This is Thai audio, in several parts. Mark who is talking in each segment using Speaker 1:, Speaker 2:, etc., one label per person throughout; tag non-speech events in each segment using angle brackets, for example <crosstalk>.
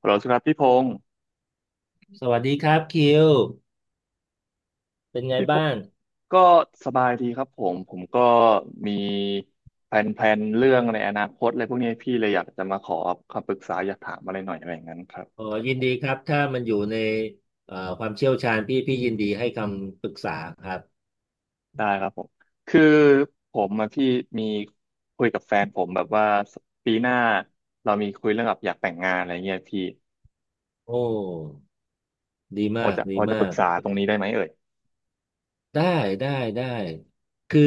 Speaker 1: ฮัลโหลครับพี่พงศ์
Speaker 2: สวัสดีครับคิวเป็นไง
Speaker 1: พี่พ
Speaker 2: บ้า
Speaker 1: งศ์
Speaker 2: ง
Speaker 1: ก็สบายดีครับผมก็มีแผนๆเรื่องในอนาคตอะไรพวกนี้พี่เลยอยากจะมาขอคำปรึกษาอยากถามอะไรหน่อยอะไรอย่างนั้นครับ
Speaker 2: อ๋อยินดีครับถ้ามันอยู่ในความเชี่ยวชาญพี่ยินดีให้คำปรึกษาครับ
Speaker 1: ได้ครับผมคือผมอะพี่มีคุยกับแฟนผมแบบว่าปีหน้าเรามีคุยเรื่องแบบอยากแต่งงานอะไรเงี้ยพี่
Speaker 2: โอ้ดี
Speaker 1: พอ
Speaker 2: มาก
Speaker 1: จะพ
Speaker 2: ดี
Speaker 1: อจะป
Speaker 2: มา
Speaker 1: รึก
Speaker 2: ก
Speaker 1: ษาตรงนี้ได้ไหมเอ่ย
Speaker 2: ได้ได้ได้คือ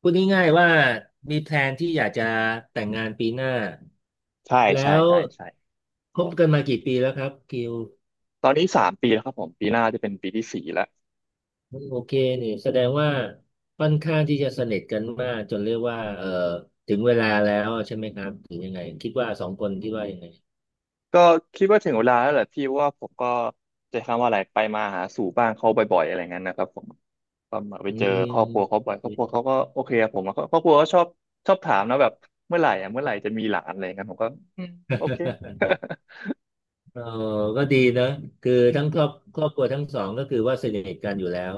Speaker 2: พูดง่ายๆว่ามีแพลนที่อยากจะแต่งงานปีหน้า
Speaker 1: ใช่
Speaker 2: แล้
Speaker 1: ใช่
Speaker 2: ว
Speaker 1: ใช่ใช่
Speaker 2: คบกันมากี่ปีแล้วครับคิว
Speaker 1: ตอนนี้สามปีแล้วครับผมปีหน้าจะเป็นปีที่สี่แล้ว
Speaker 2: โอเคนี่แสดงว่าค่อนข้างที่จะสนิทกันมากจนเรียกว่าเออถึงเวลาแล้วใช่ไหมครับหรือยังไงคิดว่าสองคนคิดว่ายังไง
Speaker 1: ก็คิดว่าถึงเวลาแล้วแหละพี่เพราะว่าผมก็จะคำว่าอะไรไปมาหาสู่บ้านเขาบ่อยๆอะไรเงี้ยนะครับผมก็มาไป
Speaker 2: อื
Speaker 1: เจอครอบครัวเขา
Speaker 2: ม
Speaker 1: บ่อยครอบครัวเขาก็โอเคกับผมอะครอบครัวก็ชอบชอบถามนะแบบเมื่อไหร่อ่ะเมื่อไหร่จะมีหลานอะไรเงี้ยผมก็อืมโอเค <laughs>
Speaker 2: เออก็ดีนะคือทั้งครอบครัวทั้งสองก็คือว่าสนิทกันอยู่แล้ว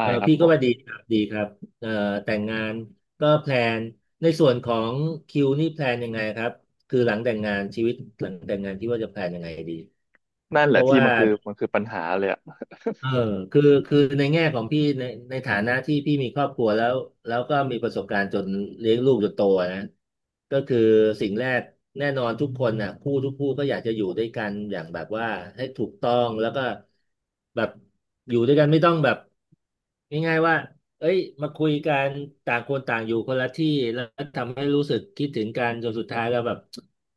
Speaker 2: เออ
Speaker 1: ครับ
Speaker 2: พี่
Speaker 1: ผ
Speaker 2: ก็
Speaker 1: ม
Speaker 2: ว่าดีครับดีครับเออแต่งงานก็แพลนในส่วนของคิวนี่แพลนยังไงครับคือหลังแต่งงานชีวิตหลังแต่งงานที่ว่าจะแพลนยังไงดี
Speaker 1: นั่นแห
Speaker 2: เพ
Speaker 1: ละ
Speaker 2: ราะ
Speaker 1: พี่
Speaker 2: ว่า
Speaker 1: มันคือปัญหาเลยอ่ะ
Speaker 2: เออคือในแง่ของพี่ในฐานะที่พี่มีครอบครัวแล้วแล้วก็มีประสบการณ์จนเลี้ยงลูกจนโตนะก็คือสิ่งแรกแน่นอนทุกคนน่ะคู่ทุกคู่ก็อยากจะอยู่ด้วยกันอย่างแบบว่าให้ถูกต้องแล้วก็แบบอยู่ด้วยกันไม่ต้องแบบง่ายๆว่าเอ้ยมาคุยกันต่างคนต่างอยู่คนละที่แล้วทำให้รู้สึกคิดถึงกันจนสุดท้ายแล้วแบบ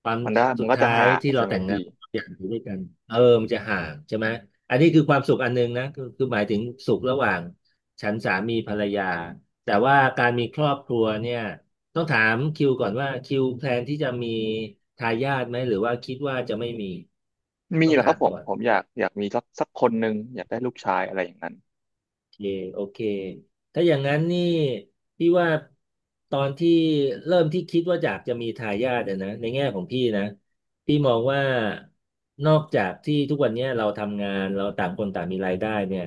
Speaker 2: ความ
Speaker 1: มันได้มั
Speaker 2: สุ
Speaker 1: น
Speaker 2: ด
Speaker 1: ก็จะ
Speaker 2: ท้าย
Speaker 1: ห่าง
Speaker 2: ที่เรา
Speaker 1: ใช่ไหม
Speaker 2: แต่งงา
Speaker 1: พี่
Speaker 2: น อย่างอยู่ด้วยกันเออมันจะห่างใช่ไหม อันนี้คือความสุขอันหนึงนะคือหมายถึงสุขระหว่างฉันสามีภรรยา แต่ว่าการมีครอบครัวเนี่ยต้องถามคิวก่อนว่าคิวแพลนที่จะมีทายาทไหมหรือว่าคิดว่าจะไม่มี
Speaker 1: มี
Speaker 2: ต้อ
Speaker 1: แห
Speaker 2: ง
Speaker 1: ละค
Speaker 2: ถา
Speaker 1: รับ
Speaker 2: ม
Speaker 1: ผม
Speaker 2: ก่อน
Speaker 1: ผมอยากมีสักคนหนึ่งอยากได้ลูกชายอะไรอย่างนั้น
Speaker 2: เคโอเคถ้าอย่างนั้นนี่พี่ว่าตอนที่เริ่มที่คิดว่าอยากจะมีทายาทอะนะในแง่ของพี่นะพี่มองว่านอกจากที่ทุกวันเนี้ยเราทำงานเราต่างคนต่างมีรายได้เนี่ย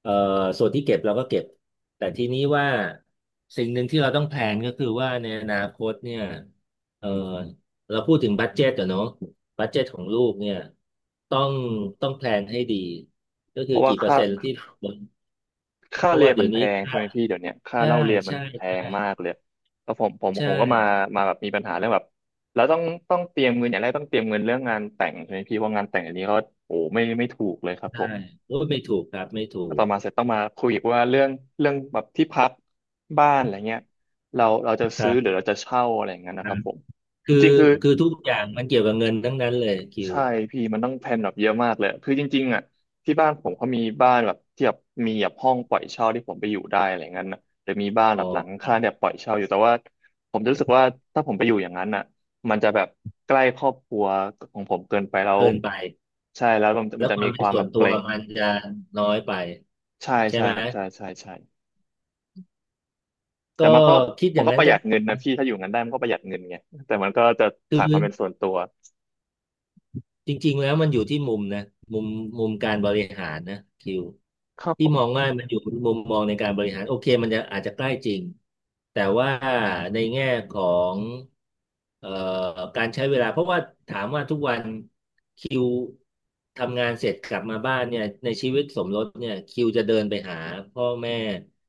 Speaker 2: เอ่อส่วนที่เก็บเราก็เก็บแต่ทีนี้ว่าสิ่งหนึ่งที่เราต้องแพลนก็คือว่าในอนาคตเนี่ยเอ่อเราพูดถึงบัดเจ็ตอะเนาะบัดเจ็ตของลูกเนี่ยต้องต้องแพลนให้ดีก็
Speaker 1: เพ
Speaker 2: คือ
Speaker 1: ราะว่า
Speaker 2: กี่เปอร์
Speaker 1: ค่า
Speaker 2: เซ็นต์ที่
Speaker 1: ค่า
Speaker 2: เพราะ
Speaker 1: เรีย
Speaker 2: ว่า
Speaker 1: น
Speaker 2: เดี๋
Speaker 1: มั
Speaker 2: ย
Speaker 1: น
Speaker 2: ว
Speaker 1: แพ
Speaker 2: นี้
Speaker 1: งใช่
Speaker 2: ค่า
Speaker 1: ไหมพี่เดี๋ยวเนี้ยค่า
Speaker 2: ใช่
Speaker 1: เล่าเรียนมัน
Speaker 2: ใช่
Speaker 1: แพง
Speaker 2: ใช่
Speaker 1: มากเลยแล้วผมผม
Speaker 2: ใช่
Speaker 1: ผมก็มาแบบมีปัญหาเรื่องแบบแล้วต้องเตรียมเงินอย่างแรกต้องเตรียมเงินเรื่องงานแต่งใช่ไหมพี่เพราะงานแต่งอันนี้ก็โอ้ไม่ถูกเลยครับผ
Speaker 2: ใช่
Speaker 1: ม
Speaker 2: โอ้ยไม่ถูกครับ ไม่ถู
Speaker 1: แล้ว
Speaker 2: ก
Speaker 1: ต่อมาเสร็จต้องมาคุยอีกว่าเรื่องแบบที่พักบ้านอะไรเงี้ยเราจะ
Speaker 2: ค
Speaker 1: ซื้
Speaker 2: รั
Speaker 1: อหรือ
Speaker 2: บ
Speaker 1: เราจะเช่าอะไรอย่างเงี้ย
Speaker 2: ค
Speaker 1: นะ
Speaker 2: รั
Speaker 1: ค
Speaker 2: บ
Speaker 1: รับผมจ
Speaker 2: คือ
Speaker 1: ริงๆคือ
Speaker 2: คือทุกอย่างมันเกี่ยวกับเงินทั้งนั้นเลยคิว
Speaker 1: ใช่พี่มันต้องแพลนแบบเยอะมากเลยคือจริงๆอ่ะที่บ้านผมเขามีบ้านแบบที่แบบมีแบบห้องปล่อยเช่าที่ผมไปอยู่ได้อะไรเงี้ยนะหรือมีบ้าน
Speaker 2: อ๋อ
Speaker 1: แบบหลัง
Speaker 2: ครั
Speaker 1: คา
Speaker 2: บ
Speaker 1: แบบปล่อยเช่าอยู่แต่ว่าผมจะรู้สึกว่าถ้าผมไปอยู่อย่างนั้นอ่ะมันจะแบบใกล้ครอบครัวของผมเกินไปแล้ว
Speaker 2: เกินไป
Speaker 1: ใช่แล้วมัน
Speaker 2: แล้
Speaker 1: มัน
Speaker 2: ว
Speaker 1: จะ
Speaker 2: ควา
Speaker 1: มี
Speaker 2: ม
Speaker 1: ค
Speaker 2: เป็น
Speaker 1: วาม
Speaker 2: ส่
Speaker 1: แบ
Speaker 2: วน
Speaker 1: บ
Speaker 2: ตั
Speaker 1: เก
Speaker 2: ว
Speaker 1: รง
Speaker 2: มันจะน้อยไป
Speaker 1: ใช่
Speaker 2: ใช่
Speaker 1: ใช่
Speaker 2: ไหม
Speaker 1: ครับใช่ใช่ใช่แต่
Speaker 2: ก็
Speaker 1: มันก็
Speaker 2: คิดอย่างนั้
Speaker 1: ป
Speaker 2: น
Speaker 1: ระห
Speaker 2: ก็
Speaker 1: ยัด
Speaker 2: ได้
Speaker 1: เงินนะ
Speaker 2: นะ
Speaker 1: พี่ถ้าอยู่งั้นได้มันก็ประหยัดเงินไงแต่มันก็จะ
Speaker 2: คื
Speaker 1: ขาดความ
Speaker 2: อ
Speaker 1: เป็นส่วนตัว
Speaker 2: จริงๆแล้วมันอยู่ที่มุมนะมุมมุมการบริหารนะคิว
Speaker 1: ครับผ
Speaker 2: ที่มอง
Speaker 1: ม
Speaker 2: ว่ามันอยู่มุมมองในการบริหารโอเคมันจะอาจจะใกล้จริงแต่ว่าในแง่ของเอ่อการใช้เวลาเพราะว่าถามว่าทุกวันคิวทำงานเสร็จกลับมาบ้านเนี่ยในชีวิตสมรสเนี่ยคิวจะเดินไปหาพ่อแม่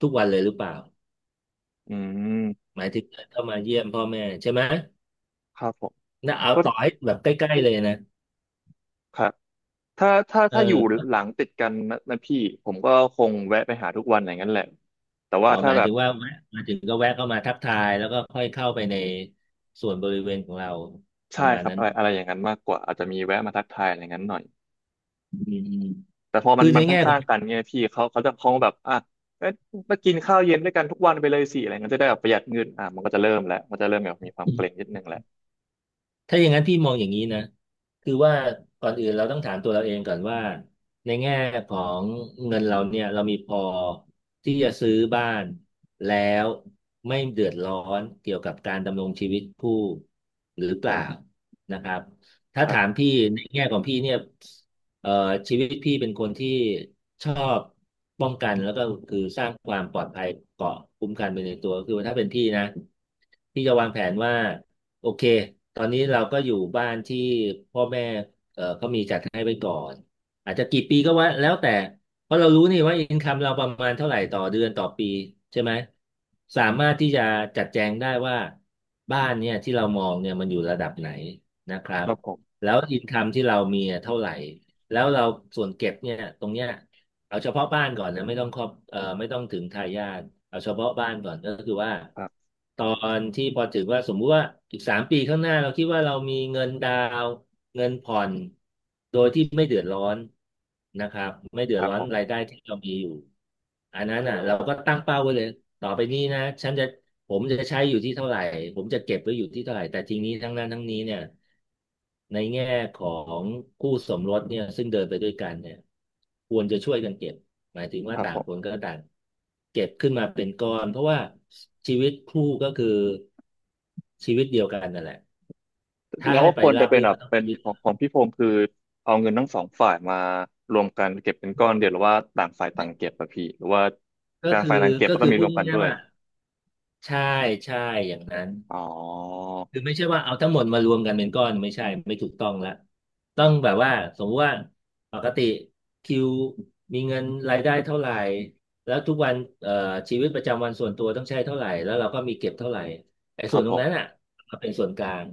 Speaker 2: ทุกวันเลยหรือเปล่า
Speaker 1: อืม
Speaker 2: หมายถึงเดินเข้ามาเยี่ยมพ่อแม่ใช่ไหม
Speaker 1: ครับผม
Speaker 2: นะเอา
Speaker 1: ก็
Speaker 2: ต่อให้แบบใกล้ๆเลยนะ
Speaker 1: ครับ ถ้าถ้า
Speaker 2: เอ
Speaker 1: ถ้าอยู่
Speaker 2: อ
Speaker 1: หลังติดกันนะพี่ผมก็คงแวะไปหาทุกวันอย่างนั้นแหละแต่ว่า
Speaker 2: อ๋อ
Speaker 1: ถ้า
Speaker 2: หมาย
Speaker 1: แบบ
Speaker 2: ถึงว่าแวะมาถึงก็แวะเข้ามาทักทายแล้วก็ค่อยเข้าไปในส่วนบริเวณของเราป
Speaker 1: ใช่
Speaker 2: ระมาณ
Speaker 1: ครับ
Speaker 2: นั้น
Speaker 1: อะไรอะไรอย่างนั้นมากกว่าอาจจะมีแวะมาทักทายอะไรอย่างนั้นหน่อย
Speaker 2: อืม
Speaker 1: แต่พอ
Speaker 2: ๆ
Speaker 1: มั
Speaker 2: คื
Speaker 1: น
Speaker 2: อ
Speaker 1: มั
Speaker 2: ใน
Speaker 1: น
Speaker 2: แง่ขอ
Speaker 1: ข้า
Speaker 2: ง
Speaker 1: งๆกันไงีพี่เขาจะคงแบบอ่ะเอ๊ะมากินข้าวเย็นด้วยกันทุกวันไปเลยสิอะไรเงี้ยจะได้แบบประหยัดเงินอ่ะมันก็จะเริ่มแล้วมันจะเริ่มแบบมีความเกรงนิดนึงแหละ
Speaker 2: ถ้าอย่างนั้นพี่มองอย่างนี้นะคือว่าก่อนอื่นเราต้องถามตัวเราเองก่อนว่าในแง่ของเงินเราเนี่ยเรามีพอที่จะซื้อบ้านแล้วไม่เดือดร้อนเกี่ยวกับการดำรงชีวิตผู้หรือเปล่านะครับ
Speaker 1: ค
Speaker 2: ถ้า
Speaker 1: รั
Speaker 2: ถาม
Speaker 1: บ
Speaker 2: พี่ในแง่ของพี่เนี่ยเอ่อชีวิตพี่เป็นคนที่ชอบป้องกันแล้วก็คือสร้างความปลอดภัยเกาะคุ้มกันไปในตัวคือว่าถ้าเป็นพี่นะพี่จะวางแผนว่า โอเคตอนนี้เราก็อยู่บ้านที่พ่อแม่เขามีจัดให้ไว้ก่อนอาจจะกี่ปีก็ว่าแล้วแต่เพราะเรารู้นี่ว่าอินคัมเราประมาณเท่าไหร่ต่อเดือนต่อปีใช่ไหมสามารถที่จะจัดแจงได้ว่าบ้านเนี่ยที่เรามองเนี่ยมันอยู่ระดับไหนนะครั
Speaker 1: ค
Speaker 2: บ
Speaker 1: รับผม
Speaker 2: แล้วอินคัมที่เรามีอะเท่าไหร่ แล้วเราส่วนเก็บเนี่ยตรงเนี้ย เอาเฉพาะบ้านก่อนนะไม่ต้องครอบเอ่อไม่ต้องถึงทายาทเอาเฉพาะบ้านก่อนก็คือว่า
Speaker 1: ครับ
Speaker 2: ตอนที่พอถึงว่าสมมุติว่าอีก3 ปีข้างหน้าเราคิดว่าเรามีเงินดาวน์เงินผ่อนโดยที่ไม่เดือดร้อนนะครับไม่เดื
Speaker 1: ค
Speaker 2: อด
Speaker 1: รับ
Speaker 2: ร้อ
Speaker 1: ผ
Speaker 2: น
Speaker 1: ม
Speaker 2: รายได้ที่เรามีอยู่อันนั้นอ่ะเราก็ตั้งเป้าไว้เลยต่อไปนี้นะฉันจะ ผมจะใช้อยู่ที่เท่าไหร่ ผมจะเก็บไว้อยู่ที่เท่าไหร่แต่ทีนี้ทั้งนั้นทั้งนี้เนี่ยในแง่ของคู่สมรสเนี่ยซึ่งเดินไปด้วยกันเนี่ยควรจะช่วยกันเก็บหมายถึง
Speaker 1: ค
Speaker 2: ว่า
Speaker 1: รับ
Speaker 2: ต่า
Speaker 1: ผ
Speaker 2: งค
Speaker 1: ม
Speaker 2: นก็ต่างเก็บขึ้นมาเป็นก้อนเพราะว่าชีวิตคู่ก็คือชีวิตเดียวกันนั่นแหละถ้า
Speaker 1: เรา
Speaker 2: ให้
Speaker 1: ก็
Speaker 2: ไป
Speaker 1: ควร
Speaker 2: รา
Speaker 1: จะ
Speaker 2: บ
Speaker 1: เป็น
Speaker 2: รื่น
Speaker 1: แบ
Speaker 2: มั
Speaker 1: บ
Speaker 2: นต้อง
Speaker 1: เป็น
Speaker 2: ชีวิต
Speaker 1: ของของพี่พงศ์คือเอาเงินทั้งสองฝ่ายมารวมกันเก็บเป็นก้อนเดียวหรือว่าต่างฝ่ายต่างเก็บอะพี่หรือว่า
Speaker 2: ก็
Speaker 1: ต่าง
Speaker 2: คือ
Speaker 1: ฝ่ายต่างเก็บ
Speaker 2: ก็
Speaker 1: แล้วก็
Speaker 2: คือ
Speaker 1: มี
Speaker 2: พู
Speaker 1: ร
Speaker 2: ด
Speaker 1: วมกัน
Speaker 2: ง่า
Speaker 1: ด้
Speaker 2: ย
Speaker 1: ว
Speaker 2: ๆ
Speaker 1: ย
Speaker 2: ว่าใช่ใช่อย่างนั้น
Speaker 1: อ๋อ
Speaker 2: คือไม่ใช่ว่าเอาทั้งหมดมารวมกันเป็นก้อนไม่ใช่ไม่ถูกต้องละต้องแบบว่าสมมติว่าปกติคิวมีเงินรายได้เท่าไหร่แล้วทุกวันเอ่อชีวิตประจำวันส่วนตัวต้องใช้เท่าไหร่แล้วเราก็มีเก็บเท่าไหร่ไอ้
Speaker 1: ค
Speaker 2: ส่
Speaker 1: รั
Speaker 2: ว
Speaker 1: บ
Speaker 2: นต
Speaker 1: ผ
Speaker 2: รงนั้นอ่ะ
Speaker 1: ม
Speaker 2: มาเป็นส่วนกลาง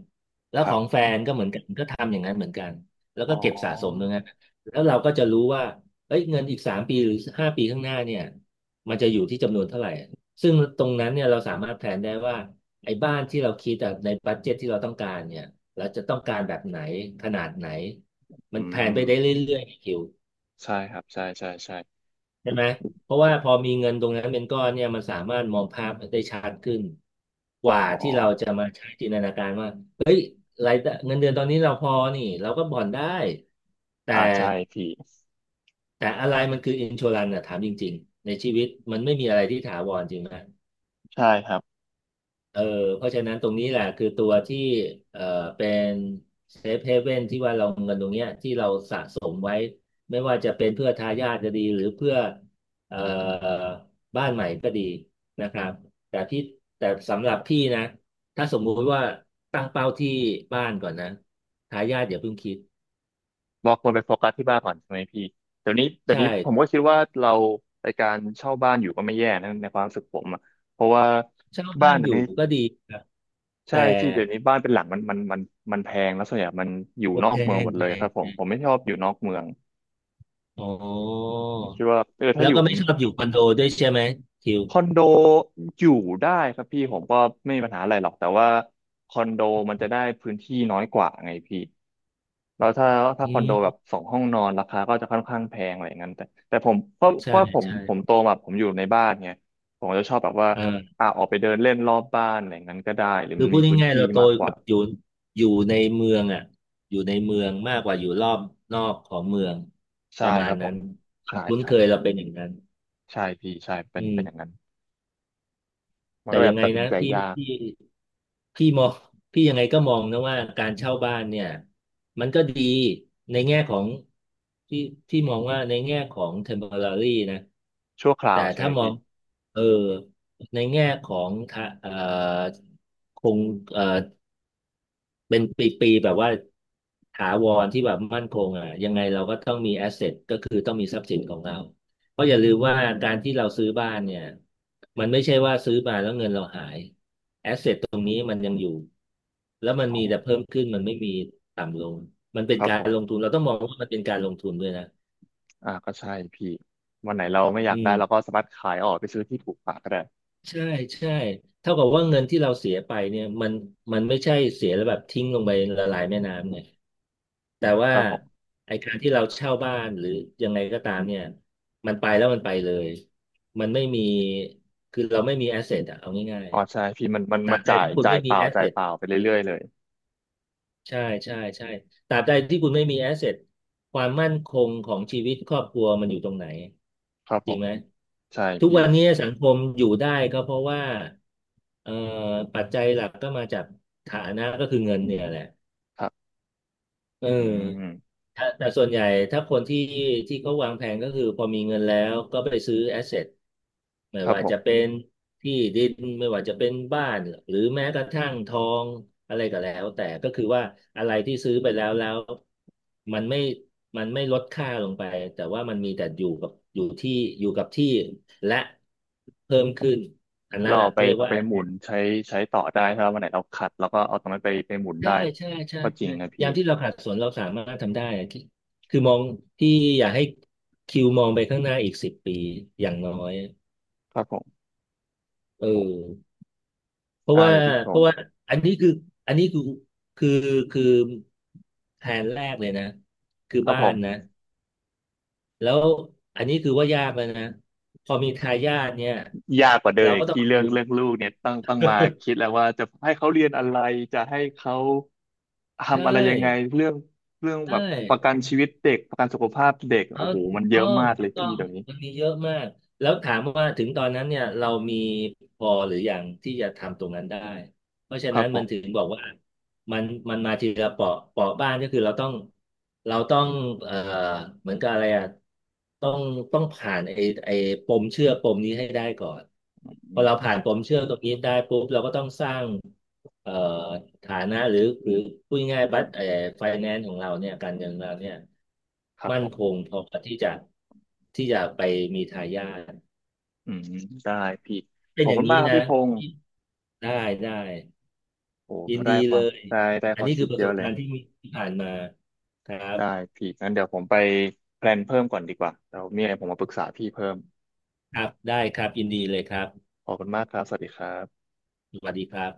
Speaker 2: แล้ว
Speaker 1: ค
Speaker 2: ข
Speaker 1: รั
Speaker 2: อ
Speaker 1: บ
Speaker 2: งแฟนก็เหมือนกันก็ทำอย่างนั้นเหมือนกันแล้ว
Speaker 1: อ๋
Speaker 2: ก็
Speaker 1: อ
Speaker 2: เก็บสะสมตรงนั้นแล้วเราก็จะรู้ว่าเอ้ยเงินอีกสามปีหรือห้าปีข้างหน้าเนี่ยมันจะอยู่ที่จำนวนเท่าไหร่ซึ่งตรงนั้นเนี่ยเราสามารถแผนได้ว่า ไอ้บ้านที่เราคิดแต่ในบัดเจ็ตที่เราต้องการเนี่ยเราจะต้องการแบบไหนขนาดไหนมั
Speaker 1: อื
Speaker 2: นแผนไปได้เร
Speaker 1: ม
Speaker 2: ื่อยๆไงคิว
Speaker 1: ใช่ครับใช่ใช่ใช่
Speaker 2: ใช่ไหมเพราะว่าพอมีเงินตรงนั้นเป็นก้อนเนี่ยมันสามารถมองภาพได้ชัดขึ้นกว่า
Speaker 1: อ๋อ
Speaker 2: ที่เราจะมาใช้จินตนาการว่ารายได้เงินเดือนตอนนี้เราพอนี่เราก็ผ่อนได้แต่
Speaker 1: อ่าใช่พี่
Speaker 2: แต่อะไรมันคืออินช r รันอะถามจริงๆในชีวิตมันไม่มีอะไรที่ถาวรจริงไหม
Speaker 1: ใช่ครับ
Speaker 2: เออเพราะฉะนั้นตรงนี้แหละคือตัวที่เออเป็นเซฟเฮเว่นที่ว่าเราเงินตรงเนี้ยที่เราสะสมไว้ไม่ว่าจะเป็นเพื่อทายาทก็ดีหรือเพื่อเอ่อบ้านใหม่ก็ดีนะครับแต่พี่แต่สำหรับพี่นะถ้าสมมุติว่าตั้งเป้าที่บ้านก่อนนะทายาทอย่าเพิ่งคิด
Speaker 1: เราควรไปโฟกัสที่บ้านก่อนใช่ไหมพี่เดี๋ยวนี้เดี๋ยว
Speaker 2: ใช่
Speaker 1: นี้ผมก็คิดว่าเราในการเช่าบ้านอยู่ก็ไม่แย่นะในความรู้สึกผมอะเพราะว่า
Speaker 2: เช่า
Speaker 1: บ้า
Speaker 2: บ้า
Speaker 1: น
Speaker 2: น
Speaker 1: เดี๋
Speaker 2: อ
Speaker 1: ยว
Speaker 2: ยู่
Speaker 1: นี้
Speaker 2: ก็ดีครับ
Speaker 1: ใช่
Speaker 2: แต่
Speaker 1: พี่เดี๋ยวนี้บ้านเป็นหลังมันแพงแล้วส่วนใหญ่มันอยู่
Speaker 2: โอ
Speaker 1: นอ
Speaker 2: แพ
Speaker 1: กเมืองห
Speaker 2: ง
Speaker 1: มดเล
Speaker 2: แพ
Speaker 1: ยค
Speaker 2: ง
Speaker 1: รับผมผมไม่ชอบอยู่นอกเมือง
Speaker 2: อ๋อ
Speaker 1: คิดว่าเออถ้า
Speaker 2: แล้
Speaker 1: อ
Speaker 2: ว
Speaker 1: ยู่
Speaker 2: ก็
Speaker 1: ผ
Speaker 2: ไม่
Speaker 1: ม
Speaker 2: ชอบอยู่คอน
Speaker 1: อ
Speaker 2: โด
Speaker 1: ยู่
Speaker 2: ด้วยใช่ไหมคิว
Speaker 1: คอนโดอยู่ได้ครับพี่ผมก็ไม่มีปัญหาอะไรหรอกแต่ว่าคอนโดมันจะได้พื้นที่น้อยกว่าไงพี่แล้วถ้า
Speaker 2: อื
Speaker 1: คอนโดแบบ
Speaker 2: ม
Speaker 1: สองห้องนอนราคาก็จะค่อนข้างแพงอะไรอย่างนั้นแต่แต่ผมเพราะ
Speaker 2: ใช่
Speaker 1: ว่าผม
Speaker 2: ใช่
Speaker 1: ผมโตมาผมอยู่ในบ้านไงผมจะชอบแบบว่า
Speaker 2: เออ
Speaker 1: อ่ะออกไปเดินเล่นรอบบ้านอะไรอย่างนั้นก็ได้หรือ
Speaker 2: คือ
Speaker 1: มัน
Speaker 2: พู
Speaker 1: มี
Speaker 2: ด
Speaker 1: พื้น
Speaker 2: ง่ายๆ
Speaker 1: ที่
Speaker 2: เราโต
Speaker 1: มากก
Speaker 2: กั
Speaker 1: ว่า
Speaker 2: บอยู่อยู่ในเมืองอ่ะอยู่ในเมืองมากกว่าอยู่รอบนอกของเมืองป
Speaker 1: ใช่
Speaker 2: ระมา
Speaker 1: ค
Speaker 2: ณ
Speaker 1: รับผ
Speaker 2: นั้
Speaker 1: ม
Speaker 2: นควา
Speaker 1: ใช่
Speaker 2: มคุ้น
Speaker 1: ใช่
Speaker 2: เคยเราเป็นอย่างนั้น
Speaker 1: ใช่พี่ใช่เป็
Speaker 2: อื
Speaker 1: นเป็นอย่าง
Speaker 2: ม
Speaker 1: นั้นมัน
Speaker 2: แต่
Speaker 1: ก็เลย
Speaker 2: ยั
Speaker 1: แบ
Speaker 2: ง
Speaker 1: บ
Speaker 2: ไง
Speaker 1: ตัดสิน
Speaker 2: นะ
Speaker 1: ใจ
Speaker 2: พี่
Speaker 1: ยาก
Speaker 2: พี่พี่มองพี่ยังไงก็มองนะว่าการเช่าบ้านเนี่ยมันก็ดีในแง่ของที่ที่มองว่าในแง่ของ temporary นะ
Speaker 1: ชั่วครา
Speaker 2: แต่
Speaker 1: วใช่ไห
Speaker 2: ถ้า
Speaker 1: ม
Speaker 2: มอ
Speaker 1: พี่
Speaker 2: งเออในแง่ของทะคงเอ่อ เป็นปีๆแบบว่าถาวรที่แบบมั่นคงอ่ะยังไงเราก็ต้องมีแอสเซทก็คือต้องมีทรัพย์สินของเราเพราะอย่าลืมว่าการที่เราซื้อบ้านเนี่ยมันไม่ใช่ว่าซื้อมาแล้วเงินเราหายตรงนี้มันยังอยู่แล้วมัน
Speaker 1: อ๋อ
Speaker 2: มีแต่เพิ่มขึ้นมันไม่มีต่ำลงมันเป็
Speaker 1: ค
Speaker 2: น
Speaker 1: รับ
Speaker 2: กา
Speaker 1: ผ
Speaker 2: รลง
Speaker 1: ม
Speaker 2: ทุนเราต้องมองว่ามันเป็นการลงทุนด้วยนะ
Speaker 1: อ่าก็ใช่พี่วันไหนเราไม่อยา
Speaker 2: อื
Speaker 1: กได้เรา
Speaker 2: ม
Speaker 1: ก็สามารถขายออกไปซื้อที่ถูกกว่าก็ได้
Speaker 2: ใช่ใช่เท่ากับว่าเงินที่เราเสียไปเนี่ยมันไม่ใช่เสียแล้วแบบทิ้งลงไปละลายแม่น้ำไงแต่
Speaker 1: ค
Speaker 2: ว่า
Speaker 1: รับผม
Speaker 2: ไอการที่เราเช่าบ้านหรือยังไงก็ตามเนี่ยมันไปแล้วมันไปเลยมันไม่มีคือเราไม่มีแอสเซทอะเอาง่าย
Speaker 1: อ๋
Speaker 2: ๆ
Speaker 1: อ
Speaker 2: อะ
Speaker 1: ใช่พี่มันมัน
Speaker 2: ตรา
Speaker 1: มัน
Speaker 2: บใด
Speaker 1: จ่าย
Speaker 2: ที่คุณ
Speaker 1: จ่า
Speaker 2: ไม่
Speaker 1: ยเป
Speaker 2: มี
Speaker 1: ล่า
Speaker 2: แอส
Speaker 1: จ่า
Speaker 2: เซ
Speaker 1: ย
Speaker 2: ท
Speaker 1: เปล่าไปเรื่อยๆเลย
Speaker 2: ใช่ใช่ใช่ตราบใดที่คุณไม่มีแอสเซทความมั่นคงของชีวิตครอบครัวมันอยู่ตรงไหน
Speaker 1: ครับ
Speaker 2: จ
Speaker 1: ผ
Speaker 2: ริง
Speaker 1: ม
Speaker 2: ไหม
Speaker 1: ใช่
Speaker 2: ทุก
Speaker 1: พี่
Speaker 2: วันนี้สังคมอยู่ได้ก็เพราะว่าเอ่อปัจจัยหลักก็มาจากฐานะก็คือเงินเนี่ยแหละ
Speaker 1: ครับ
Speaker 2: เ
Speaker 1: อื
Speaker 2: ออ
Speaker 1: ม
Speaker 2: แต่แต่ส่วนใหญ่ถ้าคนที่ที่เขาวางแผนก็คือพอมีเงินแล้วก็ไปซื้อแอสเซทไม่
Speaker 1: ครับ
Speaker 2: ว่า
Speaker 1: ผม
Speaker 2: จะเป็นที่ดินไม่ว่าจะเป็นบ้านหรือแม้กระทั่งทองอะไรก็แล้วแต่ก็คือว่าอะไรที่ซื้อไปแล้วแล้วมันไม่มันไม่ลดค่าลงไปแต่ว่ามันมีแต่อยู่กับอยู่ที่อยู่กับที่และเพิ่มขึ้นอันนั้
Speaker 1: เรา
Speaker 2: นอ่ะ
Speaker 1: เอาไป
Speaker 2: เขาเรียก
Speaker 1: เอา
Speaker 2: ว่า
Speaker 1: ไปหมุนใช้ต่อได้ถ้าวันไหนเราขัดเราก็เอาตรงนั้นไปหมุน
Speaker 2: ใช่
Speaker 1: ได้
Speaker 2: ใช่ใช่
Speaker 1: ก็จริง
Speaker 2: ใช่
Speaker 1: นะพี่
Speaker 2: ยามที่เราขัดสนเราสามารถทำได้อะที่คือมองที่อยากให้คิวมองไปข้างหน้าอีกสิบปีอย่างน้อย
Speaker 1: ครับผม
Speaker 2: เอ
Speaker 1: โห
Speaker 2: อเพราะ
Speaker 1: ได้
Speaker 2: ว่า
Speaker 1: เลยพี่พ
Speaker 2: เพ
Speaker 1: ง
Speaker 2: ราะ
Speaker 1: ศ์
Speaker 2: ว่าอันนี้คืออันนี้คือคือคือแผนแรกเลยนะคือ
Speaker 1: ครับ
Speaker 2: บ้า
Speaker 1: ผ
Speaker 2: น
Speaker 1: ม
Speaker 2: นะแล้วอันนี้คือว่ายากแล้วนะพอมีทายาทเนี่ย
Speaker 1: ยากกว่าเดิ
Speaker 2: เรา
Speaker 1: มอี
Speaker 2: ก็
Speaker 1: ก
Speaker 2: ต้อง
Speaker 1: ที่เรื่อ
Speaker 2: ดู
Speaker 1: งลูกเนี่ยต้องมาคิดแล้วว่าจะให้เขาเรียนอะไรจะให้เขา
Speaker 2: ใช
Speaker 1: ทำอะไรยังไง
Speaker 2: ่
Speaker 1: เรื่องเรื่องแบ
Speaker 2: ใช่
Speaker 1: บประกันชีวิตเด็กประกันสุขภาพเด็ก
Speaker 2: เออ
Speaker 1: โอ้โห
Speaker 2: ถู
Speaker 1: มั
Speaker 2: ก
Speaker 1: นเย
Speaker 2: ต้
Speaker 1: อะ
Speaker 2: อง
Speaker 1: มากเล
Speaker 2: ถู
Speaker 1: ย
Speaker 2: กต้อ
Speaker 1: พี่
Speaker 2: ง
Speaker 1: เดี๋ยวนี้
Speaker 2: มันมีเยอะมากแล้วถามว่าถึงตอนนั้นเนี่ยเรามีพอหรือยังที่จะทำตรงนั้นได้เพราะฉะ
Speaker 1: ครั
Speaker 2: นั้
Speaker 1: บ
Speaker 2: น
Speaker 1: ผ
Speaker 2: มัน
Speaker 1: ม
Speaker 2: ถึงบอกว่ามันมันมาทีละเปาะบ้านก็คือเราต้องเอ่อเหมือนกับอะไรอ่ะต้องต้องผ่านไอ้ปมเชื่อปมนี้ให้ได้ก่อนพ
Speaker 1: อื
Speaker 2: อเรา
Speaker 1: ม
Speaker 2: ผ่านปมเชื่อตรงนี้ได้ปุ๊บเราก็ต้องสร้าง เอ่อฐานะหรือพูดง่ายๆบัตรไฟแนนซ์ของเราเนี่ยการเงินของเราเนี่ย
Speaker 1: ครับผ
Speaker 2: มั่น
Speaker 1: ม
Speaker 2: คงพอที่จะที่จะไปมีทายาท
Speaker 1: อืมได้พี่
Speaker 2: เป็
Speaker 1: ข
Speaker 2: น
Speaker 1: อบ
Speaker 2: อย่า
Speaker 1: คุ
Speaker 2: ง
Speaker 1: ณ
Speaker 2: นี้
Speaker 1: มากครับ
Speaker 2: นะ
Speaker 1: พี่พงศ์
Speaker 2: ได้ได้
Speaker 1: โอ้
Speaker 2: ยิ
Speaker 1: โห
Speaker 2: น
Speaker 1: ได้
Speaker 2: ดี
Speaker 1: ค
Speaker 2: เล
Speaker 1: วาม
Speaker 2: ย
Speaker 1: ได้ได้
Speaker 2: อั
Speaker 1: ค
Speaker 2: น
Speaker 1: วาม
Speaker 2: นี้
Speaker 1: คิ
Speaker 2: คือ
Speaker 1: ด
Speaker 2: ประ
Speaker 1: เย
Speaker 2: ส
Speaker 1: อะ
Speaker 2: บ
Speaker 1: เล
Speaker 2: กา
Speaker 1: ย
Speaker 2: รณ์ที่มีที่ผ่านมาครั
Speaker 1: ได้
Speaker 2: บ
Speaker 1: พี่งั้นเดี๋ยวผมไปแพลนเพิ่มก่อนดีกว่าเดี๋ยวมีอะไรผมมาปรึกษาพี่เพิ่ม
Speaker 2: ครับได้ครับยินดีเลยครับ
Speaker 1: ขอบคุณมากครับสวัสดีครับ
Speaker 2: สวัสดีครับ